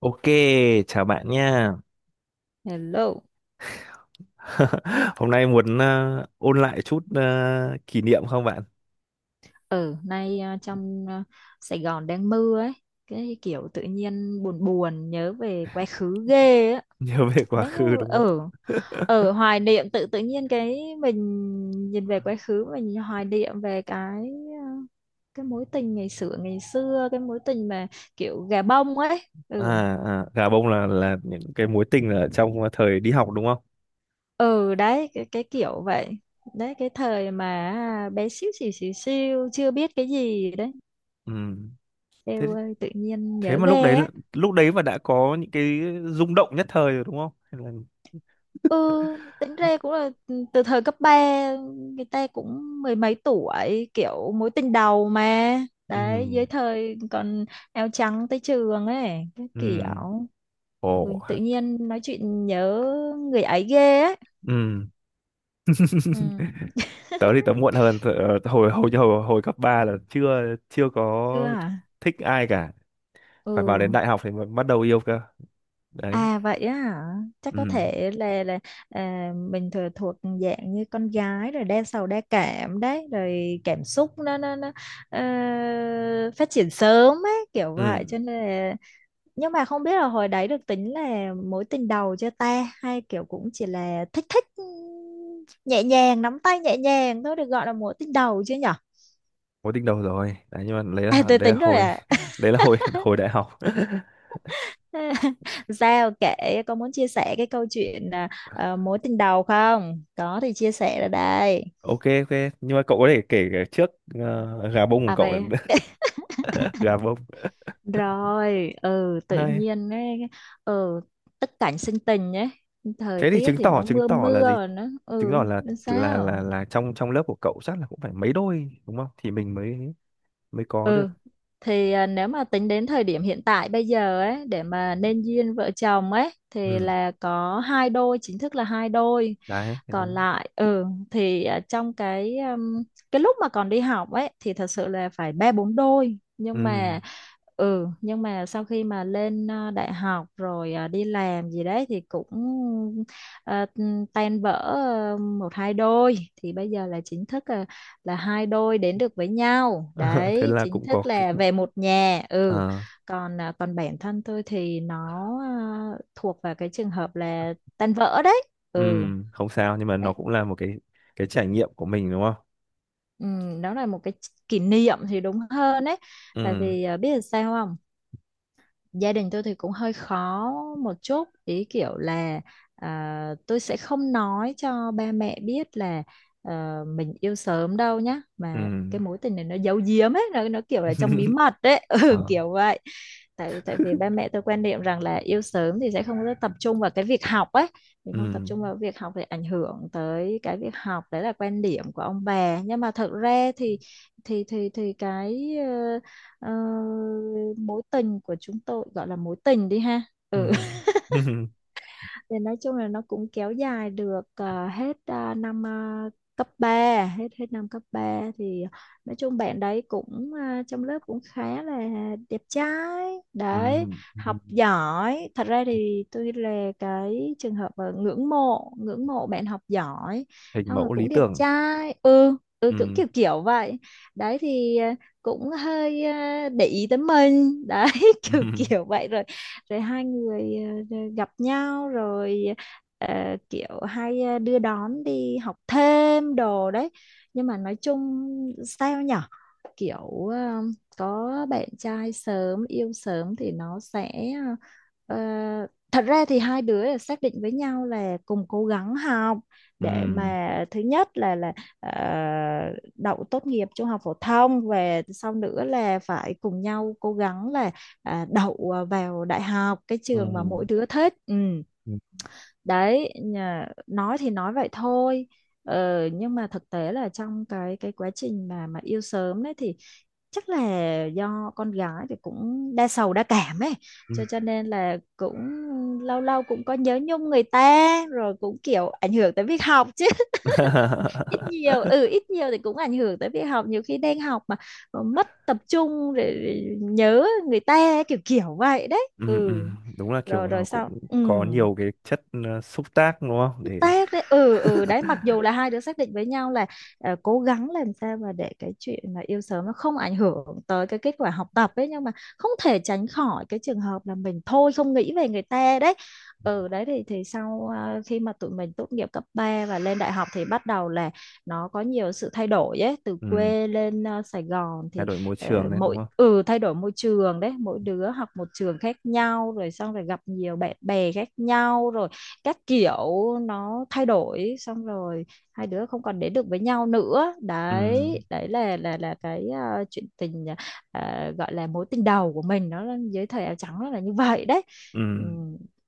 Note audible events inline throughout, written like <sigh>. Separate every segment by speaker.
Speaker 1: Ok, chào bạn nha.
Speaker 2: Hello.
Speaker 1: <laughs> Hôm nay muốn ôn lại chút kỷ niệm không bạn? <laughs>
Speaker 2: Ở nay trong Sài Gòn đang mưa ấy, cái kiểu tự nhiên buồn buồn nhớ về quá khứ ghê á.
Speaker 1: Nhớ về quá
Speaker 2: Bé như
Speaker 1: khứ đúng không?
Speaker 2: ở ở hoài niệm tự tự nhiên cái mình nhìn về quá khứ, mình hoài niệm về à, cái mối tình ngày xưa, ngày xưa cái mối tình mà kiểu gà bông ấy.
Speaker 1: À,
Speaker 2: Ừ.
Speaker 1: à, gà bông là những cái mối tình ở trong thời đi học đúng không?
Speaker 2: Ừ đấy, cái kiểu vậy. Đấy cái thời mà bé xíu xíu xíu xíu chưa biết cái gì đấy.
Speaker 1: Ừ. Thế
Speaker 2: Eo ơi tự nhiên
Speaker 1: thế
Speaker 2: nhớ
Speaker 1: mà
Speaker 2: ghê á.
Speaker 1: lúc đấy mà đã có những cái rung động nhất thời rồi đúng không? Hay là?
Speaker 2: Ừ, tính ra cũng là từ thời cấp ba, người ta cũng mười mấy tuổi, kiểu mối tình đầu mà.
Speaker 1: Ừ.
Speaker 2: Đấy, dưới thời còn áo trắng tới trường ấy, cái
Speaker 1: Ừ.
Speaker 2: kiểu
Speaker 1: Ồ.
Speaker 2: tự nhiên nói chuyện nhớ người ấy ghê ấy.
Speaker 1: Ừ.
Speaker 2: Ừ.
Speaker 1: Tớ thì tớ muộn hơn tớ, hồi hồi hồi hồi cấp 3 là chưa chưa
Speaker 2: Chưa
Speaker 1: có
Speaker 2: hả?
Speaker 1: thích ai cả.
Speaker 2: Ừ.
Speaker 1: Phải vào đến đại học thì mới bắt đầu yêu cơ. Đấy.
Speaker 2: À vậy á hả? Chắc có
Speaker 1: Ừ.
Speaker 2: thể là mình thừa thuộc dạng như con gái rồi đa sầu đa cảm đấy, rồi cảm xúc nó ờ, phát triển sớm ấy, kiểu vậy
Speaker 1: Ừ,
Speaker 2: cho nên là nhưng mà không biết là hồi đấy được tính là mối tình đầu chưa ta, hay kiểu cũng chỉ là thích thích, nhẹ nhàng nắm tay nhẹ nhàng thôi được gọi là mối tình đầu chưa nhở?
Speaker 1: có tiếng đầu rồi. Đấy, nhưng mà đấy
Speaker 2: À
Speaker 1: là
Speaker 2: tôi
Speaker 1: đấy là
Speaker 2: tính rồi
Speaker 1: hồi <laughs> đấy là hồi <laughs> hồi đại học. <laughs>
Speaker 2: <laughs> Sao, kể có muốn chia sẻ cái câu chuyện mối tình đầu không? Có thì chia sẻ ra đây.
Speaker 1: Ok, ok, nhưng mà cậu có thể kể cả trước gà bông của
Speaker 2: À
Speaker 1: cậu
Speaker 2: vậy
Speaker 1: nữa. <laughs> Gà bông
Speaker 2: rồi, tự
Speaker 1: hay.
Speaker 2: nhiên ấy, ừ tất cảnh sinh tình ấy, thời
Speaker 1: Thế thì
Speaker 2: tiết thì nó
Speaker 1: chứng
Speaker 2: mưa
Speaker 1: tỏ là
Speaker 2: mưa
Speaker 1: gì?
Speaker 2: rồi nó
Speaker 1: Chứng tỏ là
Speaker 2: nên
Speaker 1: là là
Speaker 2: sao?
Speaker 1: là trong trong lớp của cậu chắc là cũng phải mấy đôi đúng không? Thì mình mới mới có được.
Speaker 2: Ừ thì nếu mà tính đến thời điểm hiện tại bây giờ ấy để mà nên duyên vợ chồng ấy thì
Speaker 1: Ừ,
Speaker 2: là có hai đôi chính thức, là hai đôi.
Speaker 1: đấy.
Speaker 2: Còn lại thì trong cái lúc mà còn đi học ấy thì thật sự là phải ba bốn đôi,
Speaker 1: Ừ.
Speaker 2: nhưng mà sau khi mà lên đại học rồi đi làm gì đấy thì cũng à, tan vỡ một hai đôi, thì bây giờ là chính thức là hai đôi đến được với nhau
Speaker 1: <laughs> Thế
Speaker 2: đấy,
Speaker 1: là
Speaker 2: chính
Speaker 1: cũng có
Speaker 2: thức
Speaker 1: cái
Speaker 2: là về một nhà. Ừ.
Speaker 1: ờ,
Speaker 2: Còn còn bản thân tôi thì nó thuộc vào cái trường hợp là tan vỡ đấy.
Speaker 1: ừ,
Speaker 2: Ừ.
Speaker 1: không sao nhưng mà nó
Speaker 2: Đấy.
Speaker 1: cũng là một cái trải nghiệm của mình đúng không?
Speaker 2: Ừ, đó là một cái kỷ niệm thì đúng hơn đấy. Tại
Speaker 1: Ừ.
Speaker 2: vì biết là sao không, gia đình tôi thì cũng hơi khó một chút, ý kiểu là tôi sẽ không nói cho ba mẹ biết là mình yêu sớm đâu nhá, mà
Speaker 1: Ừ.
Speaker 2: cái mối tình này nó giấu giếm ấy, nó kiểu là trong bí
Speaker 1: <laughs>
Speaker 2: mật đấy. <laughs> Ừ,
Speaker 1: Ờ,
Speaker 2: kiểu vậy. Tại tại vì ba mẹ tôi quan niệm rằng là yêu sớm thì sẽ không có tập trung vào cái việc học ấy, mình
Speaker 1: ừ.
Speaker 2: không tập trung vào việc học thì ảnh hưởng tới cái việc học. Đấy là quan điểm của ông bà, nhưng mà thật ra thì thì cái ờ, mối tình của chúng tôi gọi là mối tình đi ha,
Speaker 1: Ừ. <laughs>
Speaker 2: thì nói chung là nó cũng kéo dài được hết năm cấp 3, hết hết năm cấp ba. Thì nói chung bạn đấy cũng trong lớp cũng khá là đẹp trai
Speaker 1: Ừ.
Speaker 2: đấy, học giỏi. Thật ra thì tôi là cái trường hợp ngưỡng mộ, ngưỡng mộ bạn học giỏi,
Speaker 1: Hình
Speaker 2: xong rồi
Speaker 1: mẫu lý
Speaker 2: cũng đẹp
Speaker 1: tưởng.
Speaker 2: trai, ừ, cũng
Speaker 1: Ừ.
Speaker 2: kiểu kiểu vậy đấy. Thì cũng hơi để ý tới mình đấy, <laughs> kiểu kiểu
Speaker 1: <laughs>
Speaker 2: vậy. Rồi rồi hai người gặp nhau, rồi kiểu hay đưa đón đi học thêm đồ đấy. Nhưng mà nói chung sao nhở, kiểu có bạn trai sớm, yêu sớm thì nó sẽ ờ, ờ, thật ra thì hai đứa là xác định với nhau là cùng cố gắng học,
Speaker 1: Ừ.
Speaker 2: để mà thứ nhất là ờ, đậu tốt nghiệp trung học phổ thông, và sau nữa là phải cùng nhau cố gắng là đậu vào đại học cái trường mà
Speaker 1: Ừ.
Speaker 2: mỗi đứa thích. Ừ.
Speaker 1: Ừ. Ừ.
Speaker 2: Nói thì nói vậy thôi. Ờ, nhưng mà thực tế là trong cái quá trình mà yêu sớm đấy thì chắc là do con gái thì cũng đa sầu đa cảm ấy,
Speaker 1: Ừ.
Speaker 2: cho nên là cũng lâu lâu cũng có nhớ nhung người ta, rồi cũng kiểu ảnh hưởng tới việc học chứ. <laughs> Ít nhiều, ừ,
Speaker 1: <laughs>
Speaker 2: ít nhiều thì cũng ảnh hưởng tới việc học. Nhiều khi đang học mà mất tập trung để rồi nhớ người ta, kiểu kiểu vậy đấy.
Speaker 1: Ừ. Ừ.
Speaker 2: Ừ.
Speaker 1: Đúng là
Speaker 2: rồi
Speaker 1: kiểu
Speaker 2: rồi
Speaker 1: nó cũng
Speaker 2: sao? Ừ,
Speaker 1: có nhiều cái chất xúc tác đúng không? Để
Speaker 2: tác đấy. Ừ, ừ đấy, mặc dù là hai đứa xác định với nhau là cố gắng làm sao mà để cái chuyện mà yêu sớm nó không ảnh hưởng tới cái kết quả học tập ấy, nhưng mà không thể tránh khỏi cái trường hợp là mình thôi không nghĩ về người ta đấy. Ừ đấy, thì sau khi mà tụi mình tốt nghiệp cấp 3 và lên đại học thì bắt đầu là nó có nhiều sự thay đổi ấy, từ
Speaker 1: ừ.
Speaker 2: quê lên Sài Gòn
Speaker 1: Thay
Speaker 2: thì
Speaker 1: đổi môi trường đấy đúng
Speaker 2: mỗi,
Speaker 1: không?
Speaker 2: ừ, thay đổi môi trường đấy, mỗi đứa học một trường khác nhau, rồi xong rồi gặp nhiều bạn bè khác nhau, rồi các kiểu nó thay đổi, xong rồi hai đứa không còn đến được với nhau nữa
Speaker 1: Ừ.
Speaker 2: đấy. Đấy là cái chuyện tình gọi là mối tình đầu của mình, nó là dưới thời áo trắng, nó là như vậy đấy.
Speaker 1: Ừ.
Speaker 2: Ừ.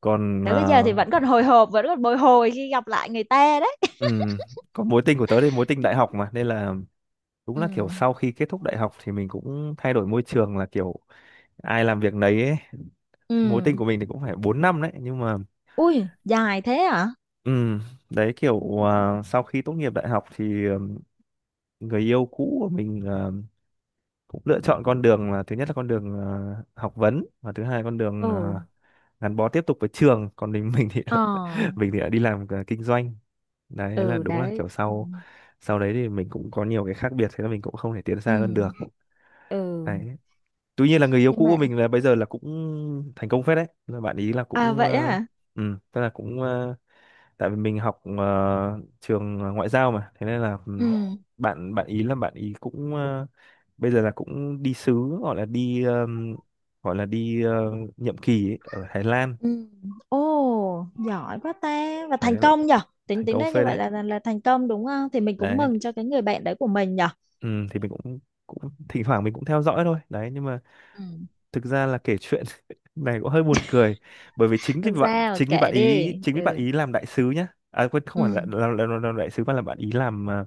Speaker 1: Còn
Speaker 2: Tới bây giờ thì vẫn còn hồi hộp, vẫn còn bồi hồi khi gặp lại người ta đấy.
Speaker 1: ừ. Còn mối tình của tớ thì mối tình đại học mà, nên là đúng
Speaker 2: Ừ.
Speaker 1: là kiểu sau khi kết thúc đại học thì mình cũng thay đổi môi trường là kiểu ai làm việc nấy ấy.
Speaker 2: Ừ.
Speaker 1: Mối tình của mình thì cũng phải 4 năm đấy, nhưng mà
Speaker 2: Ui dài thế hả?
Speaker 1: ừ, đấy kiểu sau khi tốt nghiệp đại học thì người yêu cũ của mình cũng lựa chọn con đường là thứ nhất là con đường học vấn, và thứ hai con đường
Speaker 2: Ừ.
Speaker 1: gắn bó tiếp tục với trường, còn mình thì
Speaker 2: Ờ.
Speaker 1: <laughs> mình thì đã đi làm kinh doanh. Đấy, thế là
Speaker 2: Ừ
Speaker 1: đúng là
Speaker 2: đấy.
Speaker 1: kiểu
Speaker 2: Ừ.
Speaker 1: sau sau đấy thì mình cũng có nhiều cái khác biệt, thế là mình cũng không thể tiến
Speaker 2: Ừ.
Speaker 1: xa hơn được.
Speaker 2: Ừ
Speaker 1: Đấy, tuy nhiên là người yêu
Speaker 2: nhưng
Speaker 1: cũ của
Speaker 2: mà
Speaker 1: mình là bây giờ là cũng thành công phết đấy, là bạn ý là
Speaker 2: à
Speaker 1: cũng
Speaker 2: vậy á.
Speaker 1: ừ, tức là cũng tại vì mình học trường ngoại giao mà, thế nên là
Speaker 2: Ừ.
Speaker 1: bạn bạn ý là bạn ý cũng bây giờ là cũng đi sứ, gọi là đi ờm, gọi là đi nhiệm kỳ ấy, ở Thái Lan.
Speaker 2: Ừ. Ồ, giỏi quá ta, và
Speaker 1: Đấy,
Speaker 2: thành công nhở. tính
Speaker 1: thành
Speaker 2: tính
Speaker 1: công
Speaker 2: ra như
Speaker 1: phết
Speaker 2: vậy
Speaker 1: đấy.
Speaker 2: là, là thành công đúng không? Thì mình cũng
Speaker 1: Đấy,
Speaker 2: mừng cho cái người bạn đấy của mình nhở.
Speaker 1: ừm, thì mình cũng cũng thỉnh thoảng mình cũng theo dõi thôi đấy, nhưng mà
Speaker 2: Ừ.
Speaker 1: thực ra là kể chuyện <laughs> này cũng hơi buồn cười, bởi vì
Speaker 2: Làm sao
Speaker 1: chính vì
Speaker 2: kệ
Speaker 1: bạn
Speaker 2: đi.
Speaker 1: ý chính vì bạn
Speaker 2: Ừ.
Speaker 1: ý làm đại sứ nhá, à quên, không phải
Speaker 2: Ừ.
Speaker 1: là làm đại sứ mà là bạn ý làm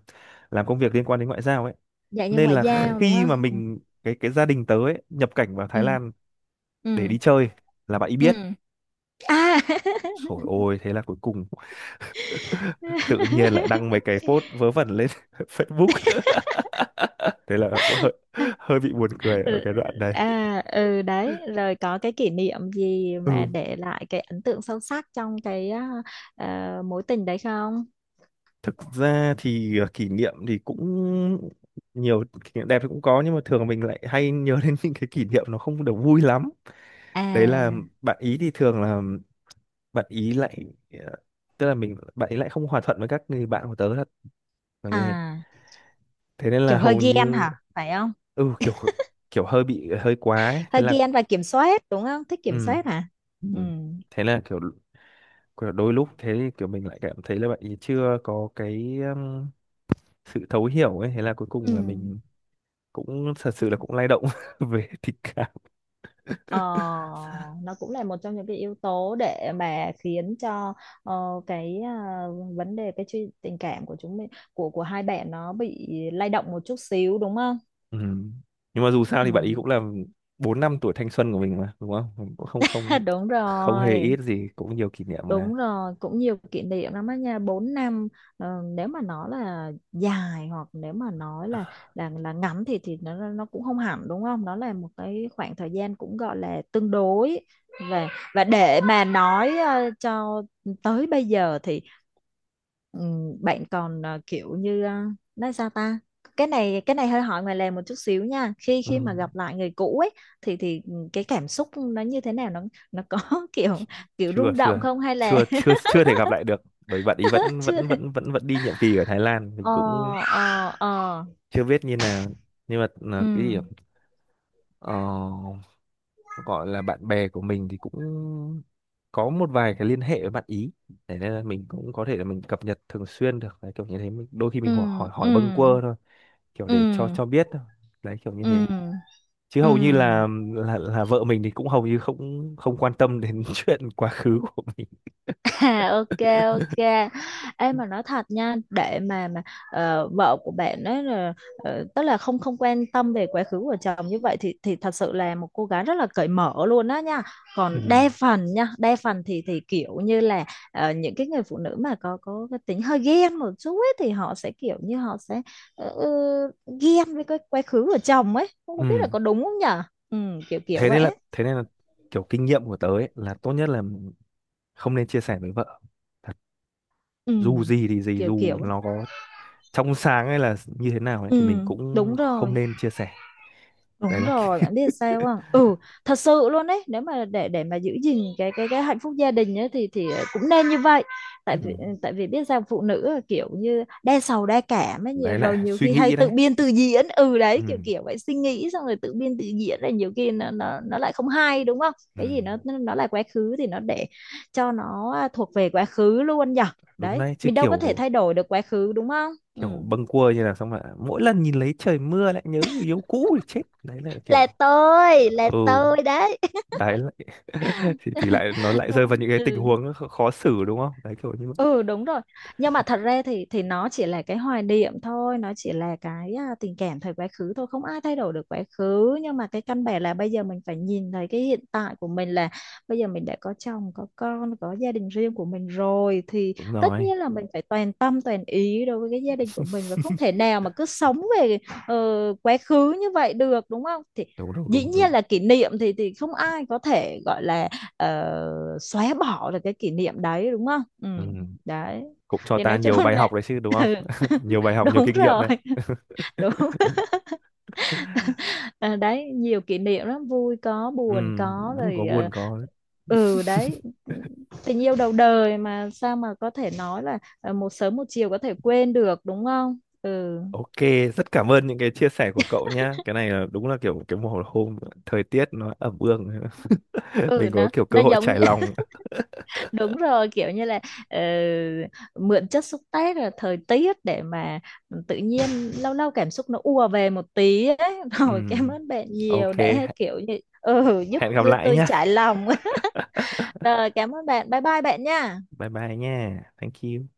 Speaker 1: làm công việc liên quan đến ngoại giao ấy,
Speaker 2: Dạy như
Speaker 1: nên
Speaker 2: ngoại
Speaker 1: là
Speaker 2: giao đúng
Speaker 1: khi
Speaker 2: không?
Speaker 1: mà
Speaker 2: Ừ.
Speaker 1: mình cái gia đình tớ ấy, nhập cảnh vào Thái
Speaker 2: Ừ.
Speaker 1: Lan để
Speaker 2: Ừ.
Speaker 1: đi chơi là bạn ý biết.
Speaker 2: Ừ. À.
Speaker 1: Trời ôi, thế là cuối cùng tự nhiên lại đăng mấy
Speaker 2: <laughs>
Speaker 1: cái post vớ vẩn lên <laughs> Facebook, thế là cũng hơi hơi bị buồn cười ở
Speaker 2: Ừ.
Speaker 1: cái đoạn này.
Speaker 2: À, ừ đấy, rồi có cái kỷ niệm gì mà
Speaker 1: Ừ.
Speaker 2: để lại cái ấn tượng sâu sắc trong cái mối tình đấy không?
Speaker 1: Thực ra thì kỷ niệm thì cũng nhiều, kỷ niệm đẹp thì cũng có, nhưng mà thường mình lại hay nhớ đến những cái kỷ niệm nó không được vui lắm. Đấy là
Speaker 2: À.
Speaker 1: bạn ý thì thường là bạn ý lại ờ, tức là mình bạn ý lại không hòa thuận với các người bạn của tớ, là như thế.
Speaker 2: À,
Speaker 1: Thế nên là
Speaker 2: kiểu hơi
Speaker 1: hầu
Speaker 2: ghen
Speaker 1: như
Speaker 2: hả, phải không?
Speaker 1: ừ, kiểu kiểu hơi bị hơi quá ấy. Thế
Speaker 2: Hơi
Speaker 1: là
Speaker 2: ghen và kiểm soát đúng không, thích kiểm
Speaker 1: ừ,
Speaker 2: soát hả?
Speaker 1: ừ.
Speaker 2: Ừ.
Speaker 1: Thế là kiểu đôi lúc thế thì kiểu mình lại cảm thấy là bạn ấy chưa có cái sự thấu hiểu ấy, thế là cuối
Speaker 2: Ừ.
Speaker 1: cùng là mình cũng thật sự là cũng lay động <laughs> về tình cảm.
Speaker 2: Ờ, nó cũng là một trong những cái yếu tố để mà khiến cho ờ, cái vấn đề cái chuyện tình cảm của chúng mình, của hai bạn, nó bị lay động một chút xíu đúng không?
Speaker 1: Ừ. Nhưng mà dù sao
Speaker 2: Ừ.
Speaker 1: thì bạn ấy cũng là 4 năm tuổi thanh xuân của mình mà đúng không, cũng không
Speaker 2: <laughs>
Speaker 1: không
Speaker 2: Đúng
Speaker 1: không hề
Speaker 2: rồi.
Speaker 1: ít gì, cũng nhiều kỷ niệm mà.
Speaker 2: Đúng rồi, cũng nhiều kỷ niệm lắm á nha, 4 năm nếu mà nói là dài, hoặc nếu mà nói là là ngắn thì thì nó cũng không hẳn đúng không? Nó là một cái khoảng thời gian cũng gọi là tương đối. Và để mà nói cho tới bây giờ thì bạn còn kiểu như nói sao ta? Cái này, hơi hỏi ngoài lề một chút xíu nha. Khi khi
Speaker 1: Ừ.
Speaker 2: mà gặp lại người cũ ấy thì cái cảm xúc nó như thế nào, nó có <laughs> kiểu,
Speaker 1: chưa
Speaker 2: rung động
Speaker 1: chưa
Speaker 2: không, hay là
Speaker 1: chưa chưa chưa thể gặp lại được, bởi bạn ý
Speaker 2: <laughs>
Speaker 1: vẫn
Speaker 2: chưa?
Speaker 1: vẫn vẫn vẫn vẫn đi nhiệm kỳ ở Thái Lan, mình
Speaker 2: ờ
Speaker 1: cũng
Speaker 2: ờ ờ
Speaker 1: chưa biết như nào. Nhưng mà
Speaker 2: ừ
Speaker 1: là cái gì ạ? ờ, gọi là bạn bè của mình thì cũng có một vài cái liên hệ với bạn ý, để nên là mình cũng có thể là mình cập nhật thường xuyên được đấy, kiểu như thế mình, đôi khi
Speaker 2: ừ
Speaker 1: mình hỏi hỏi hỏi
Speaker 2: ừ
Speaker 1: bâng quơ thôi, kiểu
Speaker 2: ừ
Speaker 1: để cho biết thôi. Đấy kiểu như
Speaker 2: ừ
Speaker 1: thế,
Speaker 2: ừ
Speaker 1: chứ
Speaker 2: ừ.
Speaker 1: hầu như là vợ mình thì cũng hầu như không không quan tâm đến <laughs> chuyện quá khứ của mình.
Speaker 2: À, ok. Ok,
Speaker 1: <laughs>
Speaker 2: em mà nói thật nha, để mà vợ của bạn ấy là tức là không, không quan tâm về quá khứ của chồng như vậy, thì thật sự là một cô gái rất là cởi mở luôn đó nha.
Speaker 1: Ừ.
Speaker 2: Còn đa phần nha, đa phần thì kiểu như là ờ, những cái người phụ nữ mà có cái tính hơi ghen một chút ấy, thì họ sẽ kiểu như họ sẽ ờ, ờ, ghen với cái quá khứ của chồng ấy, không có biết
Speaker 1: Ừ.
Speaker 2: là có đúng không nhở. Ừ, kiểu kiểu
Speaker 1: thế
Speaker 2: vậy
Speaker 1: nên là
Speaker 2: ấy.
Speaker 1: thế nên là kiểu kinh nghiệm của tớ ấy, là tốt nhất là không nên chia sẻ với vợ thật,
Speaker 2: Ừ,
Speaker 1: dù gì thì gì,
Speaker 2: kiểu
Speaker 1: dù
Speaker 2: kiểu ấy.
Speaker 1: nó có trong sáng hay là như thế nào ấy
Speaker 2: Ừ,
Speaker 1: thì mình cũng
Speaker 2: đúng
Speaker 1: không
Speaker 2: rồi.
Speaker 1: nên chia sẻ.
Speaker 2: Đúng
Speaker 1: Đấy là
Speaker 2: rồi, bạn biết sao không?
Speaker 1: <laughs>
Speaker 2: Ừ, thật sự luôn đấy. Nếu mà để mà giữ gìn cái cái hạnh phúc gia đình ấy, thì cũng nên như vậy. Tại
Speaker 1: Ừ.
Speaker 2: vì, ừ, tại vì biết sao, phụ nữ là kiểu như đa sầu đa cảm ấy, nhiều-
Speaker 1: Đấy
Speaker 2: rồi
Speaker 1: là
Speaker 2: nhiều
Speaker 1: suy
Speaker 2: khi hay
Speaker 1: nghĩ đấy.
Speaker 2: tự biên tự diễn. Ừ
Speaker 1: Ừ.
Speaker 2: đấy, kiểu kiểu vậy, suy nghĩ xong rồi tự biên tự diễn, là nhiều khi nó lại không hay đúng không?
Speaker 1: Ừ.
Speaker 2: Cái gì nó là quá khứ thì nó để cho nó thuộc về quá khứ luôn nhở.
Speaker 1: Đúng
Speaker 2: Đấy,
Speaker 1: đấy chứ,
Speaker 2: mình đâu có thể
Speaker 1: kiểu
Speaker 2: thay đổi được quá khứ đúng không? Ừ.
Speaker 1: kiểu bâng quơ như là xong mà mỗi lần nhìn lấy trời mưa lại nhớ người yêu cũ thì chết. Đấy là kiểu
Speaker 2: Là tôi, là
Speaker 1: ừ,
Speaker 2: tôi đấy. <laughs>
Speaker 1: đấy lại <laughs> thì lại nó lại rơi vào
Speaker 2: Không.
Speaker 1: những cái tình
Speaker 2: Ừ.
Speaker 1: huống khó xử đúng không, đấy kiểu như vậy.
Speaker 2: Ừ đúng rồi, nhưng mà thật ra thì nó chỉ là cái hoài niệm thôi, nó chỉ là cái tình cảm thời quá khứ thôi, không ai thay đổi được quá khứ, nhưng mà cái căn bản là bây giờ mình phải nhìn thấy cái hiện tại của mình, là bây giờ mình đã có chồng có con, có gia đình riêng của mình rồi, thì
Speaker 1: Đúng
Speaker 2: tất
Speaker 1: rồi.
Speaker 2: nhiên là mình phải toàn tâm toàn ý đối với cái gia đình của mình, và không thể
Speaker 1: <laughs>
Speaker 2: nào mà cứ sống về ờ, quá khứ như vậy được đúng không? Thì
Speaker 1: Đúng, đúng,
Speaker 2: dĩ
Speaker 1: đúng,
Speaker 2: nhiên
Speaker 1: đúng.
Speaker 2: là kỷ niệm thì không ai có thể gọi là xóa bỏ được cái kỷ niệm đấy đúng không. Ừ
Speaker 1: Ừ. cũng
Speaker 2: đấy,
Speaker 1: cũng cho
Speaker 2: thì
Speaker 1: ta
Speaker 2: nói chung
Speaker 1: nhiều bài
Speaker 2: là
Speaker 1: học đấy chứ đúng
Speaker 2: <laughs>
Speaker 1: không,
Speaker 2: ừ,
Speaker 1: <laughs>
Speaker 2: <laughs>
Speaker 1: nhiều bài học, nhiều
Speaker 2: đúng
Speaker 1: kinh nghiệm
Speaker 2: rồi.
Speaker 1: đấy.
Speaker 2: Đúng.
Speaker 1: <laughs>
Speaker 2: À đấy, nhiều kỷ niệm lắm, vui có
Speaker 1: Ừ.
Speaker 2: buồn có,
Speaker 1: Vui có,
Speaker 2: rồi ờ,
Speaker 1: buồn có.
Speaker 2: ừ đấy, tình yêu đầu đời mà, sao mà có thể nói là một sớm một chiều có thể quên được đúng không. Ừ.
Speaker 1: Ok, rất cảm ơn những cái chia sẻ của cậu nhá. Cái này là đúng là kiểu cái mùa hôm, thời tiết nó ẩm ương. <laughs> Mình
Speaker 2: Ừ,
Speaker 1: có kiểu cơ
Speaker 2: nó
Speaker 1: hội
Speaker 2: giống
Speaker 1: trải
Speaker 2: như-
Speaker 1: lòng.
Speaker 2: đúng rồi, kiểu như là ờ, mượn chất xúc tác là thời tiết, để mà tự nhiên lâu lâu cảm xúc nó ùa về một tí ấy. <laughs>
Speaker 1: Ừ.
Speaker 2: Rồi cảm ơn bạn nhiều,
Speaker 1: Ok,
Speaker 2: để kiểu như, ừ, giúp
Speaker 1: hẹn gặp lại
Speaker 2: tôi
Speaker 1: nhá.
Speaker 2: trải lòng. <laughs> Rồi, cảm ơn bạn, bye bye bạn nha.
Speaker 1: Bye bye nha, thank you.